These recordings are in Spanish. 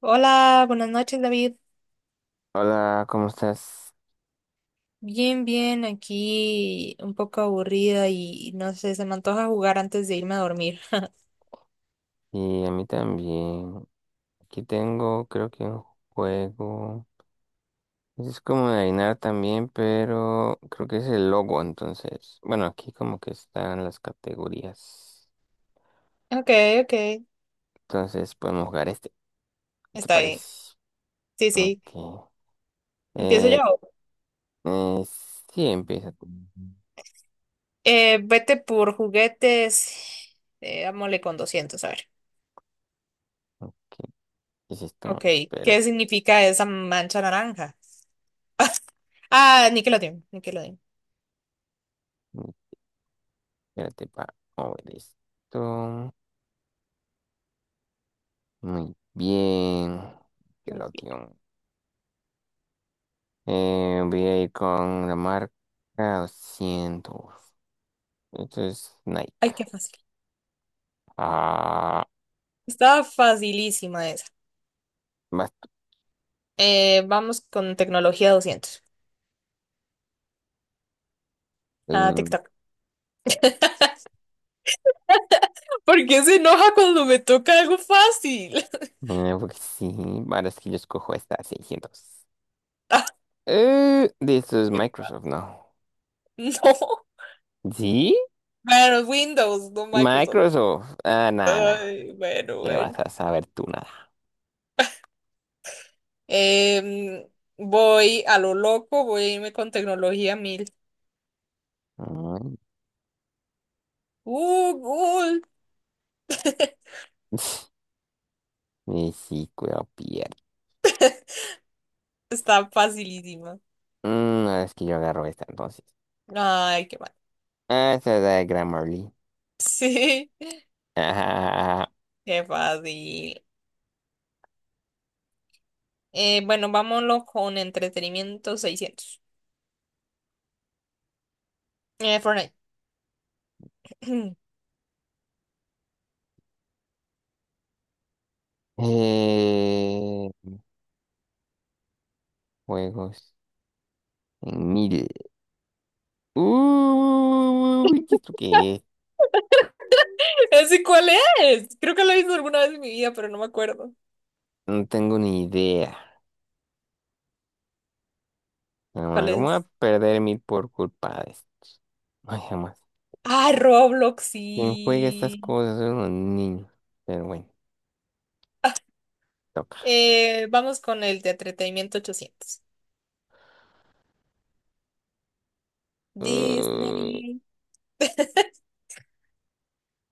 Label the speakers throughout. Speaker 1: Hola, buenas noches, David.
Speaker 2: Hola, ¿cómo estás?
Speaker 1: Bien, bien, aquí un poco aburrida y no sé, se me antoja jugar antes de irme a dormir.
Speaker 2: Y a mí también. Aquí tengo, creo que un juego. Es como de adivinar también, pero creo que es el logo, entonces. Bueno, aquí como que están las categorías.
Speaker 1: Ok, ok,
Speaker 2: Entonces podemos jugar este, ¿te
Speaker 1: está bien.
Speaker 2: parece?
Speaker 1: Sí, sí,
Speaker 2: Ok.
Speaker 1: empiezo
Speaker 2: Eh,
Speaker 1: yo.
Speaker 2: eh, sí, empieza tú.
Speaker 1: Vete por juguetes, dámosle con 200 a ver.
Speaker 2: ¿Qué es esto?
Speaker 1: Ok,
Speaker 2: Espérate,
Speaker 1: ¿qué significa esa mancha naranja? Ah, Nickelodeon.
Speaker 2: espérate para mover esto. Muy bien. Que
Speaker 1: Muy
Speaker 2: lo
Speaker 1: bien.
Speaker 2: tío. Voy a ir con la marca 200. Esto es Nike.
Speaker 1: Ay, qué fácil.
Speaker 2: Ah,
Speaker 1: Estaba facilísima esa.
Speaker 2: vas
Speaker 1: Vamos con tecnología 200. Ah,
Speaker 2: tú.
Speaker 1: TikTok. ¿Por qué se enoja cuando me toca algo fácil?
Speaker 2: Porque sí, ahora es que yo escojo esta 600.
Speaker 1: Ah,
Speaker 2: De esto es Microsoft, ¿no?
Speaker 1: no.
Speaker 2: ¿Sí?
Speaker 1: Bueno, Windows, no Microsoft.
Speaker 2: Microsoft. Ah, nada, nada.
Speaker 1: Ay, bueno,
Speaker 2: ¿Qué vas
Speaker 1: bueno.
Speaker 2: a saber tú nada?
Speaker 1: Em, voy a lo loco, voy a irme con tecnología mil.
Speaker 2: Mm.
Speaker 1: Google.
Speaker 2: Y sí, cuidado, pierde.
Speaker 1: Está facilísima.
Speaker 2: Ahora es que yo agarro esta entonces.
Speaker 1: Ay, qué mal.
Speaker 2: Ah, esta es la de Grammarly.
Speaker 1: Sí,
Speaker 2: Ajá.
Speaker 1: qué fácil. Bueno, vámonos con entretenimiento seiscientos. Fortnite.
Speaker 2: Eh, Juegos. En 1000. Uy, ¿Esto qué es?
Speaker 1: ¿Ese cuál es? Creo que lo he visto alguna vez en mi vida, pero no me acuerdo.
Speaker 2: No tengo ni idea. Jamás
Speaker 1: ¿Cuál
Speaker 2: me voy a
Speaker 1: es?
Speaker 2: perder 1000 por culpa de esto. Ay, jamás.
Speaker 1: Ah, Roblox,
Speaker 2: ¿Quién juega estas
Speaker 1: sí.
Speaker 2: cosas? Son los niños. Pero bueno, toca.
Speaker 1: Vamos con el de entretenimiento 800
Speaker 2: Uh,
Speaker 1: Disney.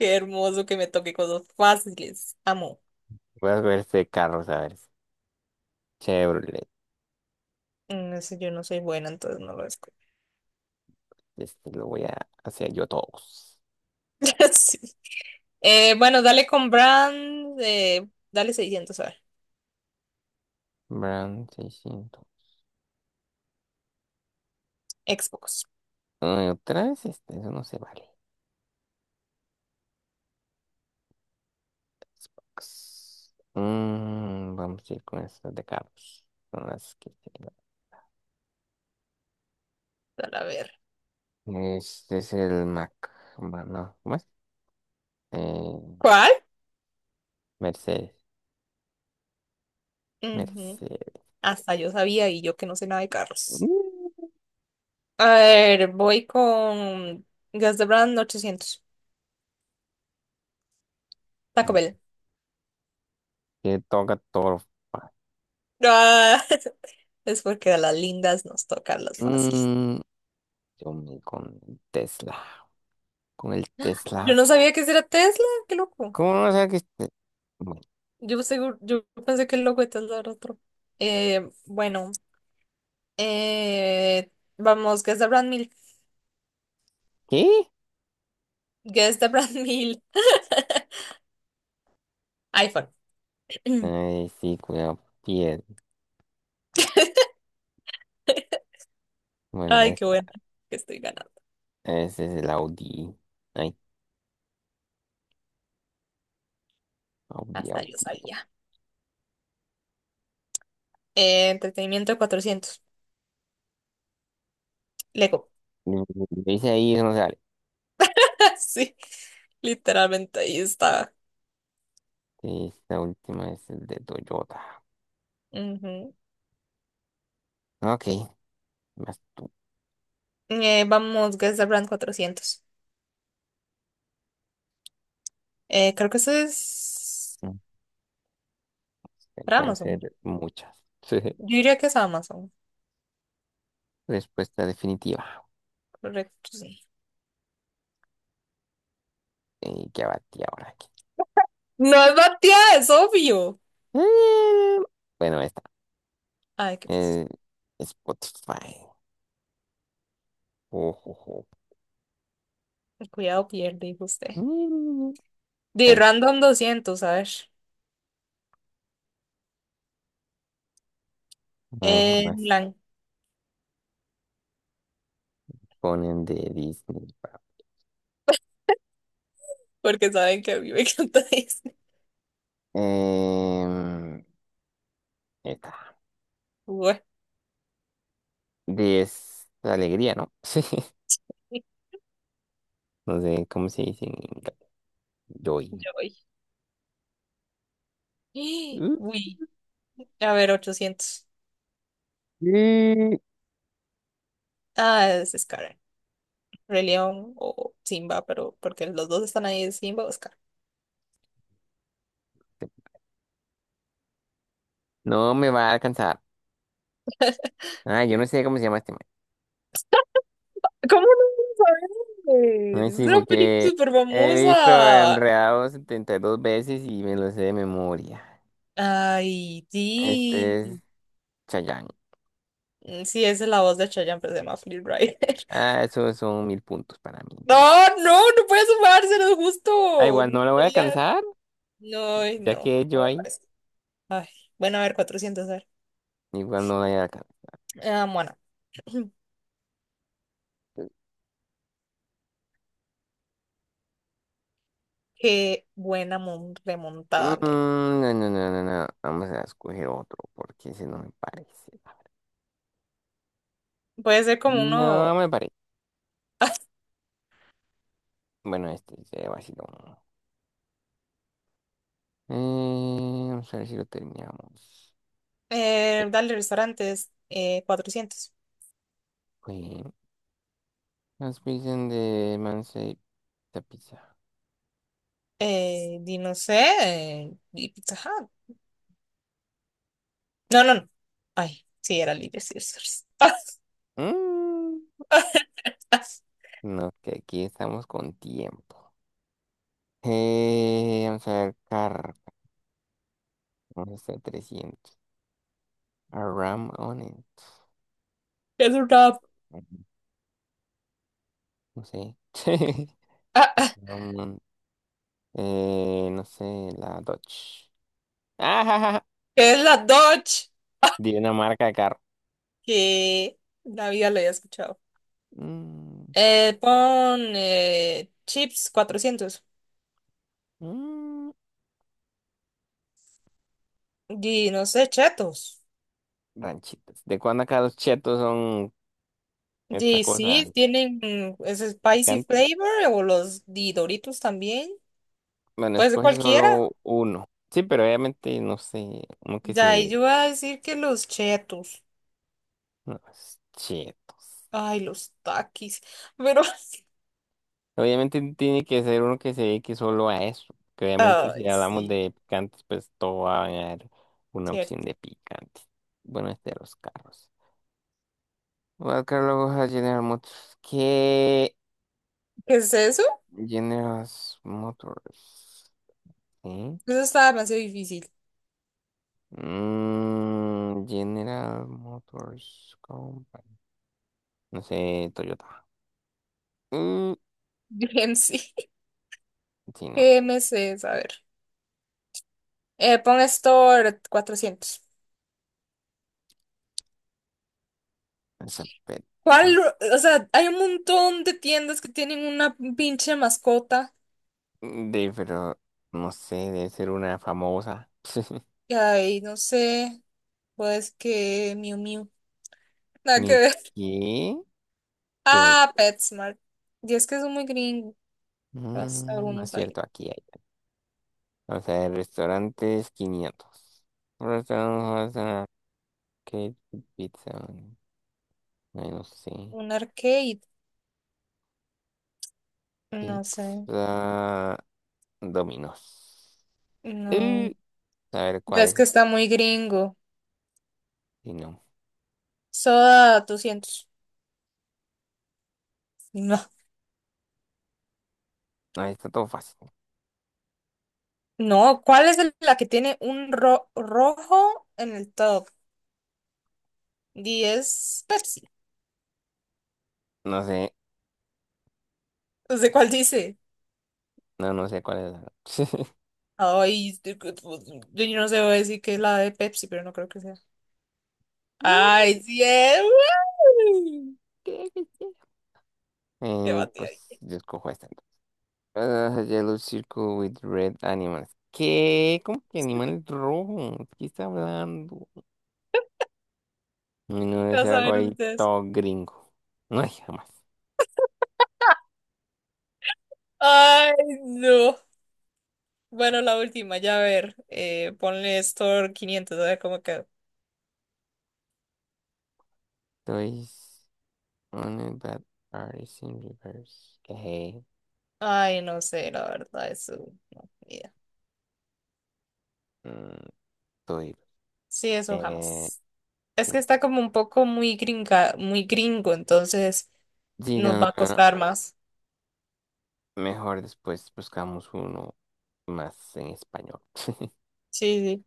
Speaker 1: Qué hermoso que me toque cosas fáciles. Amo.
Speaker 2: Voy a ver este carro, a ver. Chevrolet.
Speaker 1: Mm, eso yo no soy buena, entonces no lo escucho.
Speaker 2: Este lo voy a hacer yo todos.
Speaker 1: Sí. Bueno, dale con Brand. Dale 600, a ver.
Speaker 2: Brown 600.
Speaker 1: Xbox.
Speaker 2: Ay, otra vez este, eso no se vale. X. Vamos a ir con estas de carros. Con las que tengo.
Speaker 1: Dale, a ver.
Speaker 2: Este es el Mac. No, ¿cómo es? Eh,
Speaker 1: ¿Cuál?
Speaker 2: Mercedes.
Speaker 1: Ujú.
Speaker 2: Mercedes.
Speaker 1: Hasta yo sabía y yo que no sé nada de carros.
Speaker 2: Mm,
Speaker 1: A ver, voy con Gas de Brand 800 Taco Bell.
Speaker 2: Que toca todo.
Speaker 1: Ah, es porque a las lindas nos tocan las fáciles.
Speaker 2: Mm, yo me con el Tesla. Con el
Speaker 1: Yo
Speaker 2: Tesla.
Speaker 1: no sabía que ese era Tesla, qué loco.
Speaker 2: ¿Cómo no sé que este- Bueno.
Speaker 1: Yo seguro, yo pensé que el loco de Tesla era otro. Eh, bueno, eh, vamos, Guess the brand mil.
Speaker 2: ¿Qué?
Speaker 1: Guess the brand mil. iPhone.
Speaker 2: Ay, sí, cuidado. Piel. Bueno,
Speaker 1: Ay, qué
Speaker 2: esta.
Speaker 1: bueno que estoy ganando.
Speaker 2: Ese es el Audi. Ay, Audi,
Speaker 1: Hasta yo
Speaker 2: Audi.
Speaker 1: sabía. Entretenimiento cuatrocientos Lego.
Speaker 2: Mm, Dice ahí, eso no sale.
Speaker 1: Sí, literalmente ahí está.
Speaker 2: Esta última es el de Toyota.
Speaker 1: Ujú.
Speaker 2: Ok, vas tú.
Speaker 1: Vamos, Guess the brand 400 creo que eso es para
Speaker 2: Pueden
Speaker 1: Amazon.
Speaker 2: ser muchas.
Speaker 1: Yo diría que es Amazon.
Speaker 2: Respuesta definitiva.
Speaker 1: Correcto, sí.
Speaker 2: ¿Qué abatí ahora aquí?
Speaker 1: No es Matías, es obvio.
Speaker 2: Eh, bueno, esta.
Speaker 1: Ay, qué pues,
Speaker 2: Eh, Spotify. Ojo.
Speaker 1: el cuidado pierde, dijo usted.
Speaker 2: Mm,
Speaker 1: De
Speaker 2: Ay,
Speaker 1: Random doscientos a ver.
Speaker 2: ay,
Speaker 1: En
Speaker 2: jamás
Speaker 1: blanco,
Speaker 2: ponen de Disney, pa.
Speaker 1: porque saben que a mí me encanta Disney.
Speaker 2: Em, Esta.
Speaker 1: Bueno,
Speaker 2: Alegría, ¿no? Sí. No sé cómo se dice en inglés. Joy.
Speaker 1: yo voy.
Speaker 2: Uh,
Speaker 1: Uy, a ver, 800.
Speaker 2: eh,
Speaker 1: Ah, es Scar. Rey León o Simba, pero porque los dos están ahí, es Simba o Scar.
Speaker 2: No me va a alcanzar. Ah, yo no sé cómo se llama este.
Speaker 1: ¿Cómo no lo sabes?
Speaker 2: Ay,
Speaker 1: Es
Speaker 2: sí,
Speaker 1: una película
Speaker 2: porque
Speaker 1: súper
Speaker 2: he visto
Speaker 1: famosa.
Speaker 2: Enredados 72 veces y me lo sé de memoria.
Speaker 1: Ay,
Speaker 2: Este es
Speaker 1: sí.
Speaker 2: Chayanne.
Speaker 1: Mm, sí, esa es la voz de Chayanne, pero se llama Flynn Rider.
Speaker 2: Ah, esos son 1000 puntos para mí, entonces.
Speaker 1: No, no no puede sumarse, no es
Speaker 2: Ah,
Speaker 1: justo.
Speaker 2: igual
Speaker 1: No,
Speaker 2: no la voy a
Speaker 1: sabía-
Speaker 2: alcanzar,
Speaker 1: no, ay,
Speaker 2: ya
Speaker 1: no,
Speaker 2: que
Speaker 1: no
Speaker 2: yo
Speaker 1: me
Speaker 2: ahí,
Speaker 1: parece. Ay, bueno, a ver, cuatrocientos. A ver.
Speaker 2: igual no la voy a alcanzar.
Speaker 1: Ah, bueno, qué buena mon- remontada. Nel.
Speaker 2: No, no, no, no, no. Vamos a escoger otro, porque ese no me parece.
Speaker 1: Puede ser como
Speaker 2: No
Speaker 1: uno,
Speaker 2: me parece. Bueno, este se vaciló. Vamos a ver si lo terminamos.
Speaker 1: dale restaurantes, 400.
Speaker 2: Eh, Las pizzas de Mansell. La pizza.
Speaker 1: No sé, di Pizza Hut. No, no, no. Ay, sí, era Little Caesars.
Speaker 2: Mm,
Speaker 1: Ah, ah, ah,
Speaker 2: no, que aquí estamos con tiempo. Vamos a ver, car. Vamos a hacer 300. A ram on it.
Speaker 1: es un rap.
Speaker 2: Mm, No sé.
Speaker 1: Ah, ah,
Speaker 2: Ram on- no sé, la Dodge. Ajá.
Speaker 1: que es la Dodge.
Speaker 2: Di una marca de carro.
Speaker 1: Que la vida lo había escuchado.
Speaker 2: Pues, ya.
Speaker 1: Pon chips 400.
Speaker 2: Mm,
Speaker 1: Y no sé, chetos.
Speaker 2: Ranchitas. ¿De cuándo acá los chetos son esta
Speaker 1: Y sí,
Speaker 2: cosa
Speaker 1: tienen ese spicy
Speaker 2: picante?
Speaker 1: flavor o los di Doritos también.
Speaker 2: Bueno,
Speaker 1: Pues
Speaker 2: escoge
Speaker 1: cualquiera.
Speaker 2: solo uno. Sí, pero obviamente, no sé, uno que
Speaker 1: Ya, y
Speaker 2: se.
Speaker 1: yo voy a decir que los chetos.
Speaker 2: No, es chetos.
Speaker 1: Ay, los takis. Pero,
Speaker 2: Obviamente tiene que ser uno que se dedique solo a eso. Que obviamente si
Speaker 1: ay,
Speaker 2: hablamos
Speaker 1: sí,
Speaker 2: de picantes, pues todo va a haber una opción
Speaker 1: cierto.
Speaker 2: de picante. Bueno, este de los carros. Voy a buscar luego a General Motors. ¿Qué?
Speaker 1: ¿Qué es eso?
Speaker 2: General Motors. ¿Sí?
Speaker 1: Eso está demasiado difícil.
Speaker 2: General Motors Company. No sé, Toyota. Mm,
Speaker 1: Bien, sí.
Speaker 2: sí, no.
Speaker 1: GMC, a ver. Pon Store 400.
Speaker 2: Esa pe- ah.
Speaker 1: ¿Cuál? O sea, hay un montón de tiendas que tienen una pinche mascota.
Speaker 2: Pero no sé, debe ser una famosa.
Speaker 1: Y ay, no sé. Pues que Miu Miu. Nada que
Speaker 2: ¿Ni
Speaker 1: ver.
Speaker 2: qué? Pe-
Speaker 1: Ah, PetSmart. Y es que son muy gringos
Speaker 2: no es
Speaker 1: algunos
Speaker 2: cierto,
Speaker 1: ahí.
Speaker 2: aquí hay. Vamos a ver, restaurantes 500. Restaurantes, ah, ¿qué pizza? Ay, no sé.
Speaker 1: Un arcade. No sé.
Speaker 2: Pizza Domino's.
Speaker 1: No.
Speaker 2: Eh, a ver, ¿cuál
Speaker 1: Ves
Speaker 2: es
Speaker 1: que
Speaker 2: esta?
Speaker 1: está muy gringo.
Speaker 2: Y no,
Speaker 1: Soda 200. No.
Speaker 2: no, está todo fácil.
Speaker 1: No. ¿Cuál es el- la que tiene un ro- rojo en el top? ¿Diez? Pepsi.
Speaker 2: No sé,
Speaker 1: No sé cuál dice.
Speaker 2: no, no sé cuál es la.
Speaker 1: Ay, este, que- pues, yo no sé, voy a decir que es la de Pepsi, pero no creo que sea. Ay, sí es. ¡Uy!
Speaker 2: ¿Qué? ¿Qué? ¿Qué?
Speaker 1: Qué batida.
Speaker 2: Pues yo escojo esta. Ah, yellow circle with red animals. ¿Qué? ¿Cómo que animales rojos? ¿De ¿Qué está hablando? Y no debe
Speaker 1: ¿Qué vas
Speaker 2: ser
Speaker 1: a
Speaker 2: algo
Speaker 1: ver
Speaker 2: ahí
Speaker 1: ustedes?
Speaker 2: todo gringo. No hay jamás.
Speaker 1: Ay, no. Bueno, la última, ya a ver. Ponle Store 500 a ver cómo quedó.
Speaker 2: Estoy on a bad artist in reverse. ¿Qué?
Speaker 1: Ay, no sé, la verdad, eso no, ni idea.
Speaker 2: Mm, Estoy.
Speaker 1: Sí, eso
Speaker 2: Eh,
Speaker 1: jamás. Es
Speaker 2: sí,
Speaker 1: que está como un poco muy gringa, muy gringo, entonces
Speaker 2: sí,
Speaker 1: nos
Speaker 2: no,
Speaker 1: va a
Speaker 2: no, no.
Speaker 1: costar más.
Speaker 2: Mejor después buscamos uno más en español.
Speaker 1: Sí, sí.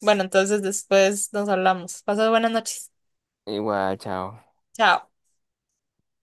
Speaker 1: Bueno, entonces después nos hablamos. Pasad buenas noches.
Speaker 2: Igual, chao.
Speaker 1: Chao.